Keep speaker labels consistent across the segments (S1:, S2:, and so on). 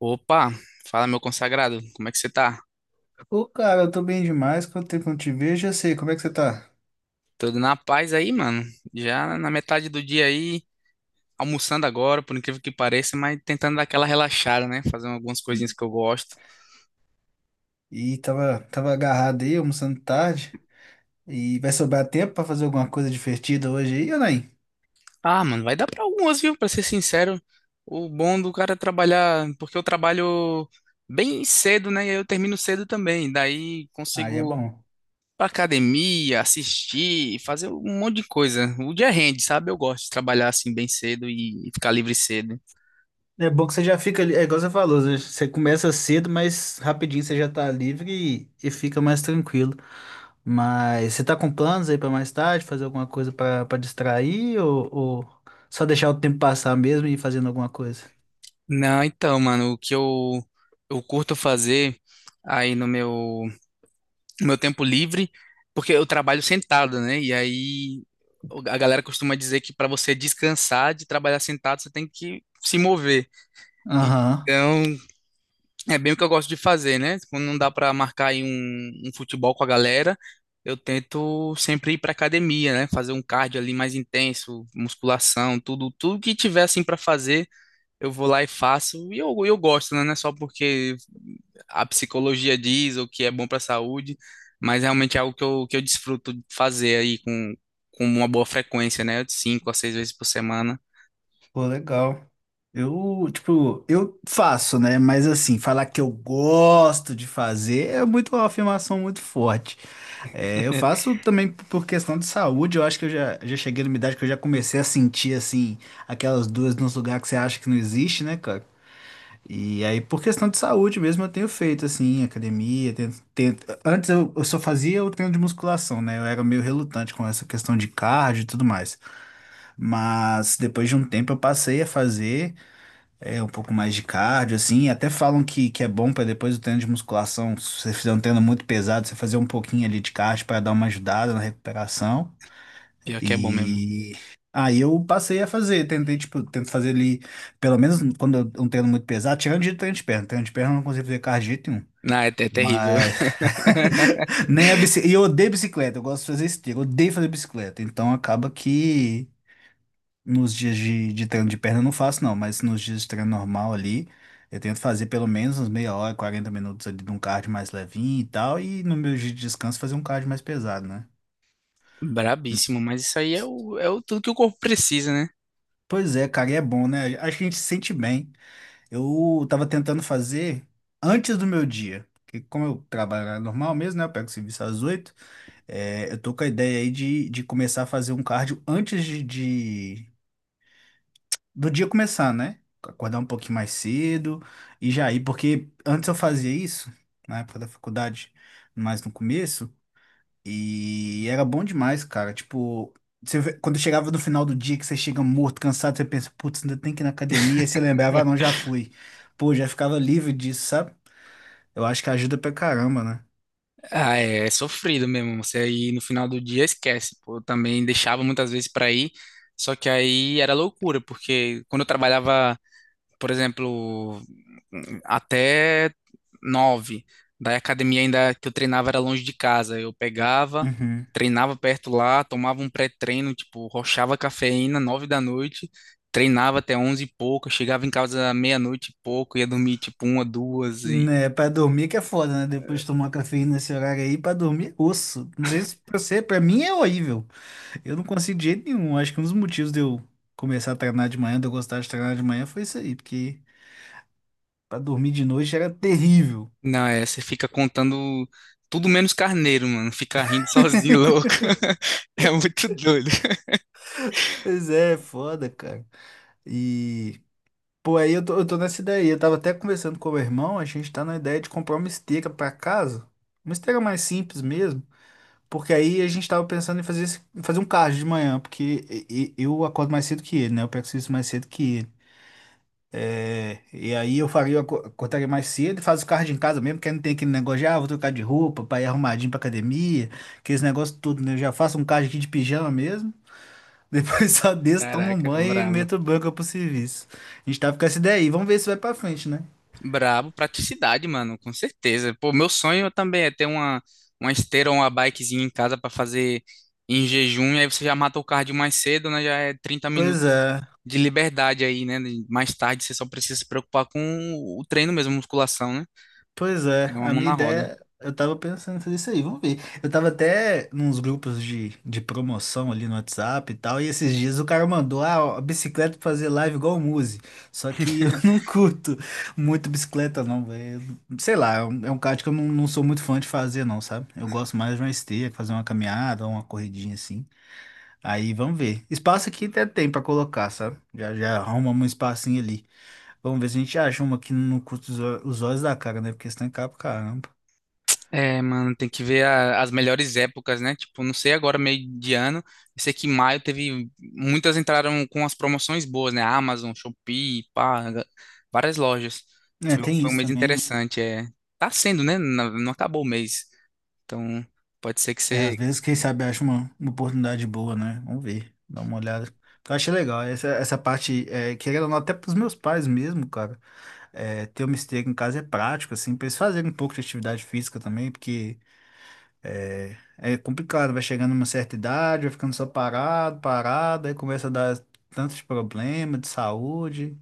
S1: Opa, fala meu consagrado, como é que você tá?
S2: Ô, cara, eu tô bem demais. Quanto tempo eu não te vejo? Já sei, como é que você tá?
S1: Tudo na paz aí, mano? Já na metade do dia aí, almoçando agora, por incrível que pareça, mas tentando dar aquela relaxada, né? Fazendo algumas coisinhas que eu gosto.
S2: E tava agarrado aí, almoçando tarde. E vai sobrar tempo pra fazer alguma coisa divertida hoje aí, ou nem?
S1: Ah, mano, vai dar pra algumas, viu? Pra ser sincero, o bom do cara é trabalhar, porque eu trabalho bem cedo, né? E aí eu termino cedo também, daí
S2: Aí é
S1: consigo ir
S2: bom.
S1: pra academia, assistir, fazer um monte de coisa. O dia rende, sabe? Eu gosto de trabalhar assim bem cedo e ficar livre cedo.
S2: É bom que você já fica ali, é igual você falou, você começa cedo, mas rapidinho você já tá livre e fica mais tranquilo. Mas você tá com planos aí pra mais tarde, fazer alguma coisa pra distrair, ou só deixar o tempo passar mesmo e ir fazendo alguma coisa?
S1: Não, então, mano, o que eu curto fazer aí no meu tempo livre, porque eu trabalho sentado, né? E aí a galera costuma dizer que para você descansar de trabalhar sentado, você tem que se mover.
S2: Aham.
S1: Então, é bem o que eu gosto de fazer, né? Quando não dá para marcar aí um futebol com a galera, eu tento sempre ir para academia, né? Fazer um cardio ali mais intenso, musculação, tudo, tudo que tiver assim para fazer eu vou lá e faço, e eu gosto, né? Não é só porque a psicologia diz o que é bom para a saúde, mas realmente é algo que eu desfruto de fazer aí com uma boa frequência, né? De 5 a 6 vezes por semana.
S2: Pô, legal. Eu, tipo, eu faço, né? Mas assim, falar que eu gosto de fazer é muito uma afirmação muito forte. É, eu faço também por questão de saúde, eu acho que eu já cheguei numa idade que eu já comecei a sentir, assim, aquelas dores nos lugares que você acha que não existe, né, cara? E aí, por questão de saúde mesmo, eu tenho feito, assim, academia, antes eu só fazia o treino de musculação, né? Eu era meio relutante com essa questão de cardio e tudo mais. Mas depois de um tempo eu passei a fazer. É um pouco mais de cardio, assim. Até falam que é bom para depois do treino de musculação, se você fizer um treino muito pesado, você fazer um pouquinho ali de cardio para dar uma ajudada na recuperação.
S1: Pior que é bom mesmo.
S2: E aí eu passei a fazer, tentei, tipo, tento fazer ali, pelo menos quando eu um treino muito pesado, tirando de treino de perna. Treino de perna eu não consigo fazer cardio de jeito nenhum.
S1: Não, é terrível.
S2: Mas nem a bicicleta. E eu odeio bicicleta, eu gosto de fazer esteira, eu odeio fazer bicicleta. Então acaba que nos dias de treino de perna eu não faço, não, mas nos dias de treino normal ali, eu tento fazer pelo menos uns meia hora, 40 minutos ali de um cardio mais levinho e tal, e no meu dia de descanso fazer um cardio mais pesado, né? Não.
S1: Brabíssimo, mas isso aí é
S2: S-
S1: o tudo que o corpo precisa, né?
S2: Pois é, cara, e é bom, né? Acho que a gente se sente bem. Eu tava tentando fazer antes do meu dia, porque como eu trabalho normal mesmo, né? Eu pego serviço às 8. Eu tô com a ideia aí de começar a fazer um cardio antes de do dia começar, né? Acordar um pouquinho mais cedo e já ir, porque antes eu fazia isso, na época da faculdade, mais no começo, e era bom demais, cara. Tipo, quando chegava no final do dia, que você chega morto, cansado, você pensa, putz, ainda tem que ir na academia, e você lembrava, ah, não, já fui. Pô, já ficava livre disso, sabe? Eu acho que ajuda pra caramba, né?
S1: Ah, é sofrido mesmo. Você aí no final do dia esquece. Pô, eu também deixava muitas vezes para ir, só que aí era loucura, porque quando eu trabalhava, por exemplo, até 9. Daí a academia ainda que eu treinava era longe de casa. Eu pegava,
S2: Uhum.
S1: treinava perto lá, tomava um pré-treino, tipo, rochava cafeína, 9 da noite, treinava até 11 e pouco, chegava em casa meia-noite e pouco, ia dormir tipo uma, duas e...
S2: Né, pra dormir que é foda, né? Depois de tomar cafeína nesse horário aí, pra dormir, é osso. Não sei se pra você, pra mim é horrível. Eu não consigo de jeito nenhum. Acho que um dos motivos de eu começar a treinar de manhã, de eu gostar de treinar de manhã, foi isso aí, porque pra dormir de noite era terrível.
S1: Não, é, você fica contando tudo menos carneiro, mano. Fica rindo sozinho, louco. É muito doido.
S2: Pois é, foda, cara. E, pô, aí eu tô nessa ideia aí. Eu tava até conversando com o meu irmão, a gente tá na ideia de comprar uma esteira pra casa, uma esteira mais simples mesmo, porque aí a gente tava pensando em fazer, em fazer um cardio de manhã, porque eu acordo mais cedo que ele, né? Eu pego serviço mais cedo que ele. E aí eu faria, eu aco- acordaria mais cedo e faz o cardio em casa mesmo, porque aí não tem aquele negócio de, ah, vou trocar de roupa pra ir arrumadinho pra academia, aqueles negócios tudo, né? Eu já faço um cardio aqui de pijama mesmo, depois só desço, tomo um
S1: Caraca,
S2: banho e
S1: bravo.
S2: meto banca pro serviço. A gente tá com essa ideia aí, vamos ver se vai pra frente, né?
S1: Brabo, praticidade, mano, com certeza. Pô, meu sonho também é ter uma esteira ou uma bikezinha em casa pra fazer em jejum, e aí você já mata o cardio mais cedo, né? Já é 30
S2: Pois
S1: minutos
S2: é.
S1: de liberdade aí, né? Mais tarde você só precisa se preocupar com o treino mesmo, musculação, né?
S2: Pois é,
S1: É uma
S2: a
S1: mão
S2: minha
S1: na roda.
S2: ideia, eu tava pensando em fazer isso aí, vamos ver. Eu tava até nos grupos de promoção ali no WhatsApp e tal, e esses dias o cara mandou, a bicicleta pra fazer live igual o Muzi. Só que eu não curto muito bicicleta, não, velho. Sei lá, é um kart que eu não sou muito fã de fazer, não, sabe? Eu gosto mais de uma esteira, fazer uma caminhada, uma corridinha assim. Aí vamos ver. Espaço aqui até tem pra colocar, sabe? Já arrumamos um espacinho ali. Vamos ver se a gente acha uma que não custa os olhos da cara, né? Porque senão é caro pra caramba.
S1: É, mano, tem que ver as melhores épocas, né? Tipo, não sei agora, meio de ano. Eu sei que em maio teve. Muitas entraram com as promoções boas, né? Amazon, Shopee, pá, ga- várias lojas.
S2: É,
S1: Foi,
S2: tem
S1: foi um
S2: isso
S1: mês
S2: também, né?
S1: interessante. É. Tá sendo, né? Não, não acabou o mês. Então, pode ser que
S2: É, às
S1: você.
S2: vezes, quem sabe, acha uma oportunidade boa, né? Vamos ver, dá uma olhada. Eu achei legal, essa parte, querendo ou não, até pros meus pais mesmo, cara, ter uma esteira em casa é prático, assim, pra eles fazerem um pouco de atividade física também, porque é complicado, vai chegando uma certa idade, vai ficando só parado, parado, aí começa a dar tanto de problema de saúde.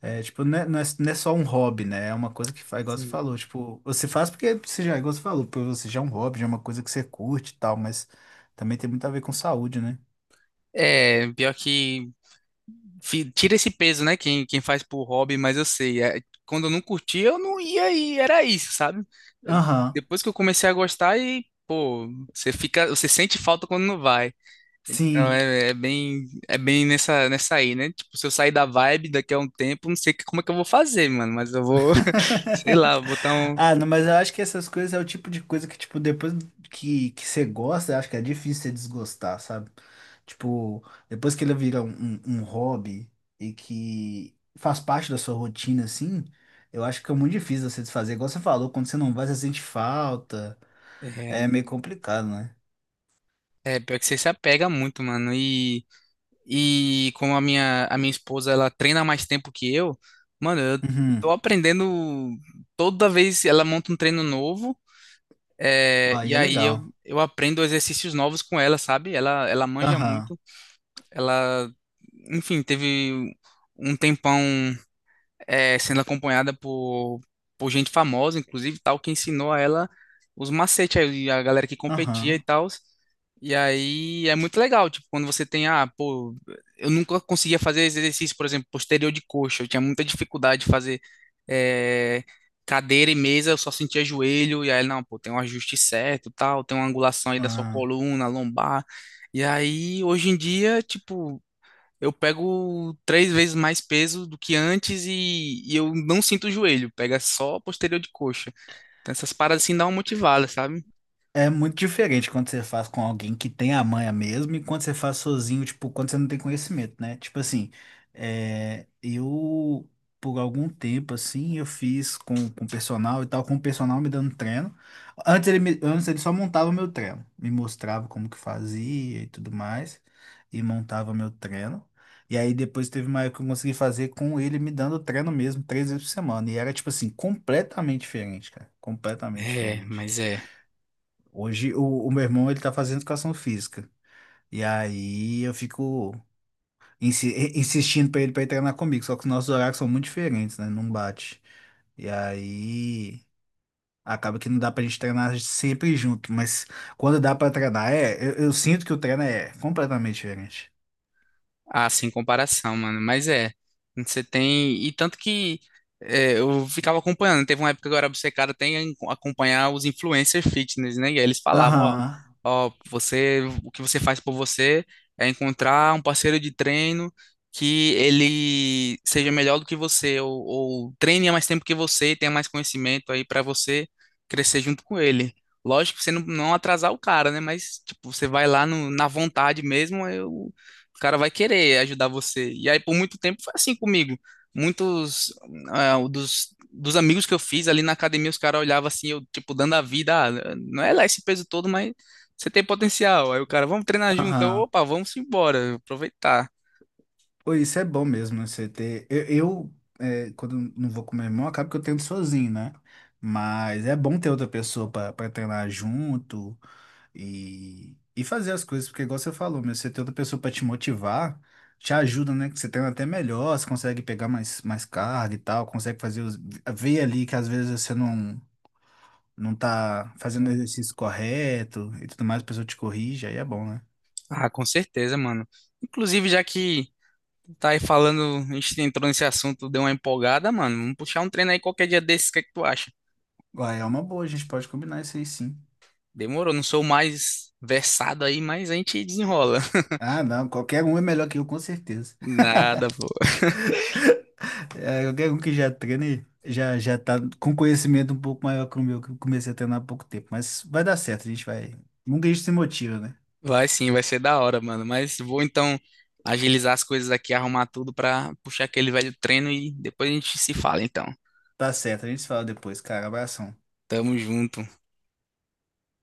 S2: É, tipo, não é só um hobby, né? É uma coisa que faz, igual você
S1: Sim.
S2: falou, tipo, você faz porque você já, igual você falou, porque você já é um hobby, já é uma coisa que você curte e tal, mas também tem muito a ver com saúde, né?
S1: É, pior que fi- tira esse peso, né? Quem faz por hobby, mas eu sei. É, quando eu não curtia, eu não ia e era isso, sabe? Eu-
S2: Aham,
S1: Depois que eu comecei a gostar e, pô, você fica, você sente falta quando não vai. Então
S2: sim.
S1: é, é bem nessa aí, né? Tipo, se eu sair da vibe daqui a um tempo, não sei como é que eu vou fazer, mano, mas eu vou, sei lá, botar um.
S2: Ah, não, mas eu acho que essas coisas é o tipo de coisa que, tipo, depois que você gosta, eu acho que é difícil você desgostar, sabe? Tipo, depois que ele vira um hobby e que faz parte da sua rotina, assim, eu acho que é muito difícil você desfazer. Igual você falou, quando você não vai, você sente falta. É
S1: É,
S2: meio complicado, né?
S1: é, pior que você se apega muito, mano. E. E como a minha esposa, ela treina há mais tempo que eu, mano, eu
S2: Uhum.
S1: tô aprendendo toda vez ela monta um treino novo,
S2: Aí
S1: e
S2: é
S1: aí eu,
S2: legal.
S1: eu aprendo exercícios novos com ela, sabe? Ela manja
S2: Aham,
S1: muito, ela, enfim, teve um tempão, é, sendo acompanhada por gente famosa, inclusive, tal, que ensinou a ela os macetes, aí, a galera que competia e
S2: aham,
S1: tal. E aí é muito legal, tipo, quando você tem, ah, pô, eu nunca conseguia fazer esse exercício, por exemplo, posterior de coxa, eu tinha muita dificuldade de fazer eh, cadeira e mesa, eu só sentia joelho, e aí, não, pô, tem um ajuste certo, tal, tem uma angulação aí da sua
S2: aham.
S1: coluna, lombar. E aí, hoje em dia, tipo, eu pego 3 vezes mais peso do que antes e eu não sinto o joelho, pega só a posterior de coxa. Então essas paradas assim dão uma motivada, sabe?
S2: É muito diferente quando você faz com alguém que tem a manha mesmo e quando você faz sozinho, tipo, quando você não tem conhecimento, né? Tipo assim, é, eu, por algum tempo, assim, eu fiz com o personal e tal, com o personal me dando treino. Antes ele só montava o meu treino, me mostrava como que fazia e tudo mais, e montava meu treino. E aí depois teve uma época que eu consegui fazer com ele me dando treino mesmo, três vezes por semana. E era, tipo assim, completamente diferente, cara. Completamente
S1: É,
S2: diferente.
S1: mas é.
S2: Hoje o meu irmão ele tá fazendo educação física. E aí eu fico insistindo pra ele para treinar comigo, só que os nossos horários são muito diferentes, né? Não bate. E aí acaba que não dá pra gente treinar sempre junto, mas quando dá pra treinar, eu sinto que o treino é completamente diferente.
S1: Ah, sem comparação, mano. Mas é, você tem. E tanto que é, eu ficava acompanhando. Teve uma época que eu era obcecado até em acompanhar os influencer fitness, né? E aí eles falavam: ó,
S2: Aham,
S1: ó, você, o que você faz por você é encontrar um parceiro de treino que ele seja melhor do que você, ou treine há mais tempo que você e tenha mais conhecimento aí pra você crescer junto com ele. Lógico que você não, não atrasar o cara, né? Mas, tipo, você vai lá na vontade mesmo, eu. O cara vai querer ajudar você. E aí, por muito tempo, foi assim comigo. Muitos dos amigos que eu fiz ali na academia, os caras olhavam assim, eu, tipo, dando a vida. Ah, não é lá esse peso todo, mas você tem potencial. Aí o cara, vamos treinar junto. Eu,
S2: aham.
S1: opa, vamos embora, aproveitar.
S2: Pô, isso é bom mesmo, né? Você ter. Quando eu não vou com meu irmão, acaba que eu treino sozinho, né? Mas é bom ter outra pessoa pra treinar junto. E fazer as coisas, porque igual você falou, meu, você ter outra pessoa pra te motivar, te ajuda, né? Que você treina até melhor, você consegue pegar mais carga e tal, consegue fazer ver ali que às vezes você não tá fazendo o exercício correto e tudo mais, a pessoa te corrige, aí é bom, né?
S1: Ah, com certeza, mano. Inclusive, já que tá aí falando, a gente entrou nesse assunto, deu uma empolgada, mano. Vamos puxar um treino aí qualquer dia desses, o que é que tu acha?
S2: Uai, é uma boa, a gente pode combinar isso aí sim.
S1: Demorou, não sou o mais versado aí, mas a gente desenrola.
S2: Ah, não, qualquer um é melhor que eu, com certeza.
S1: Nada, pô.
S2: É, qualquer um que já treina e já tá com conhecimento um pouco maior que o meu, que eu comecei a treinar há pouco tempo. Mas vai dar certo, a gente vai. Nunca a gente se motiva, né?
S1: Vai sim, vai ser da hora, mano. Mas vou então agilizar as coisas aqui, arrumar tudo pra puxar aquele velho treino e depois a gente se fala, então.
S2: Tá certo, a gente se fala depois, cara. Abração.
S1: Tamo junto.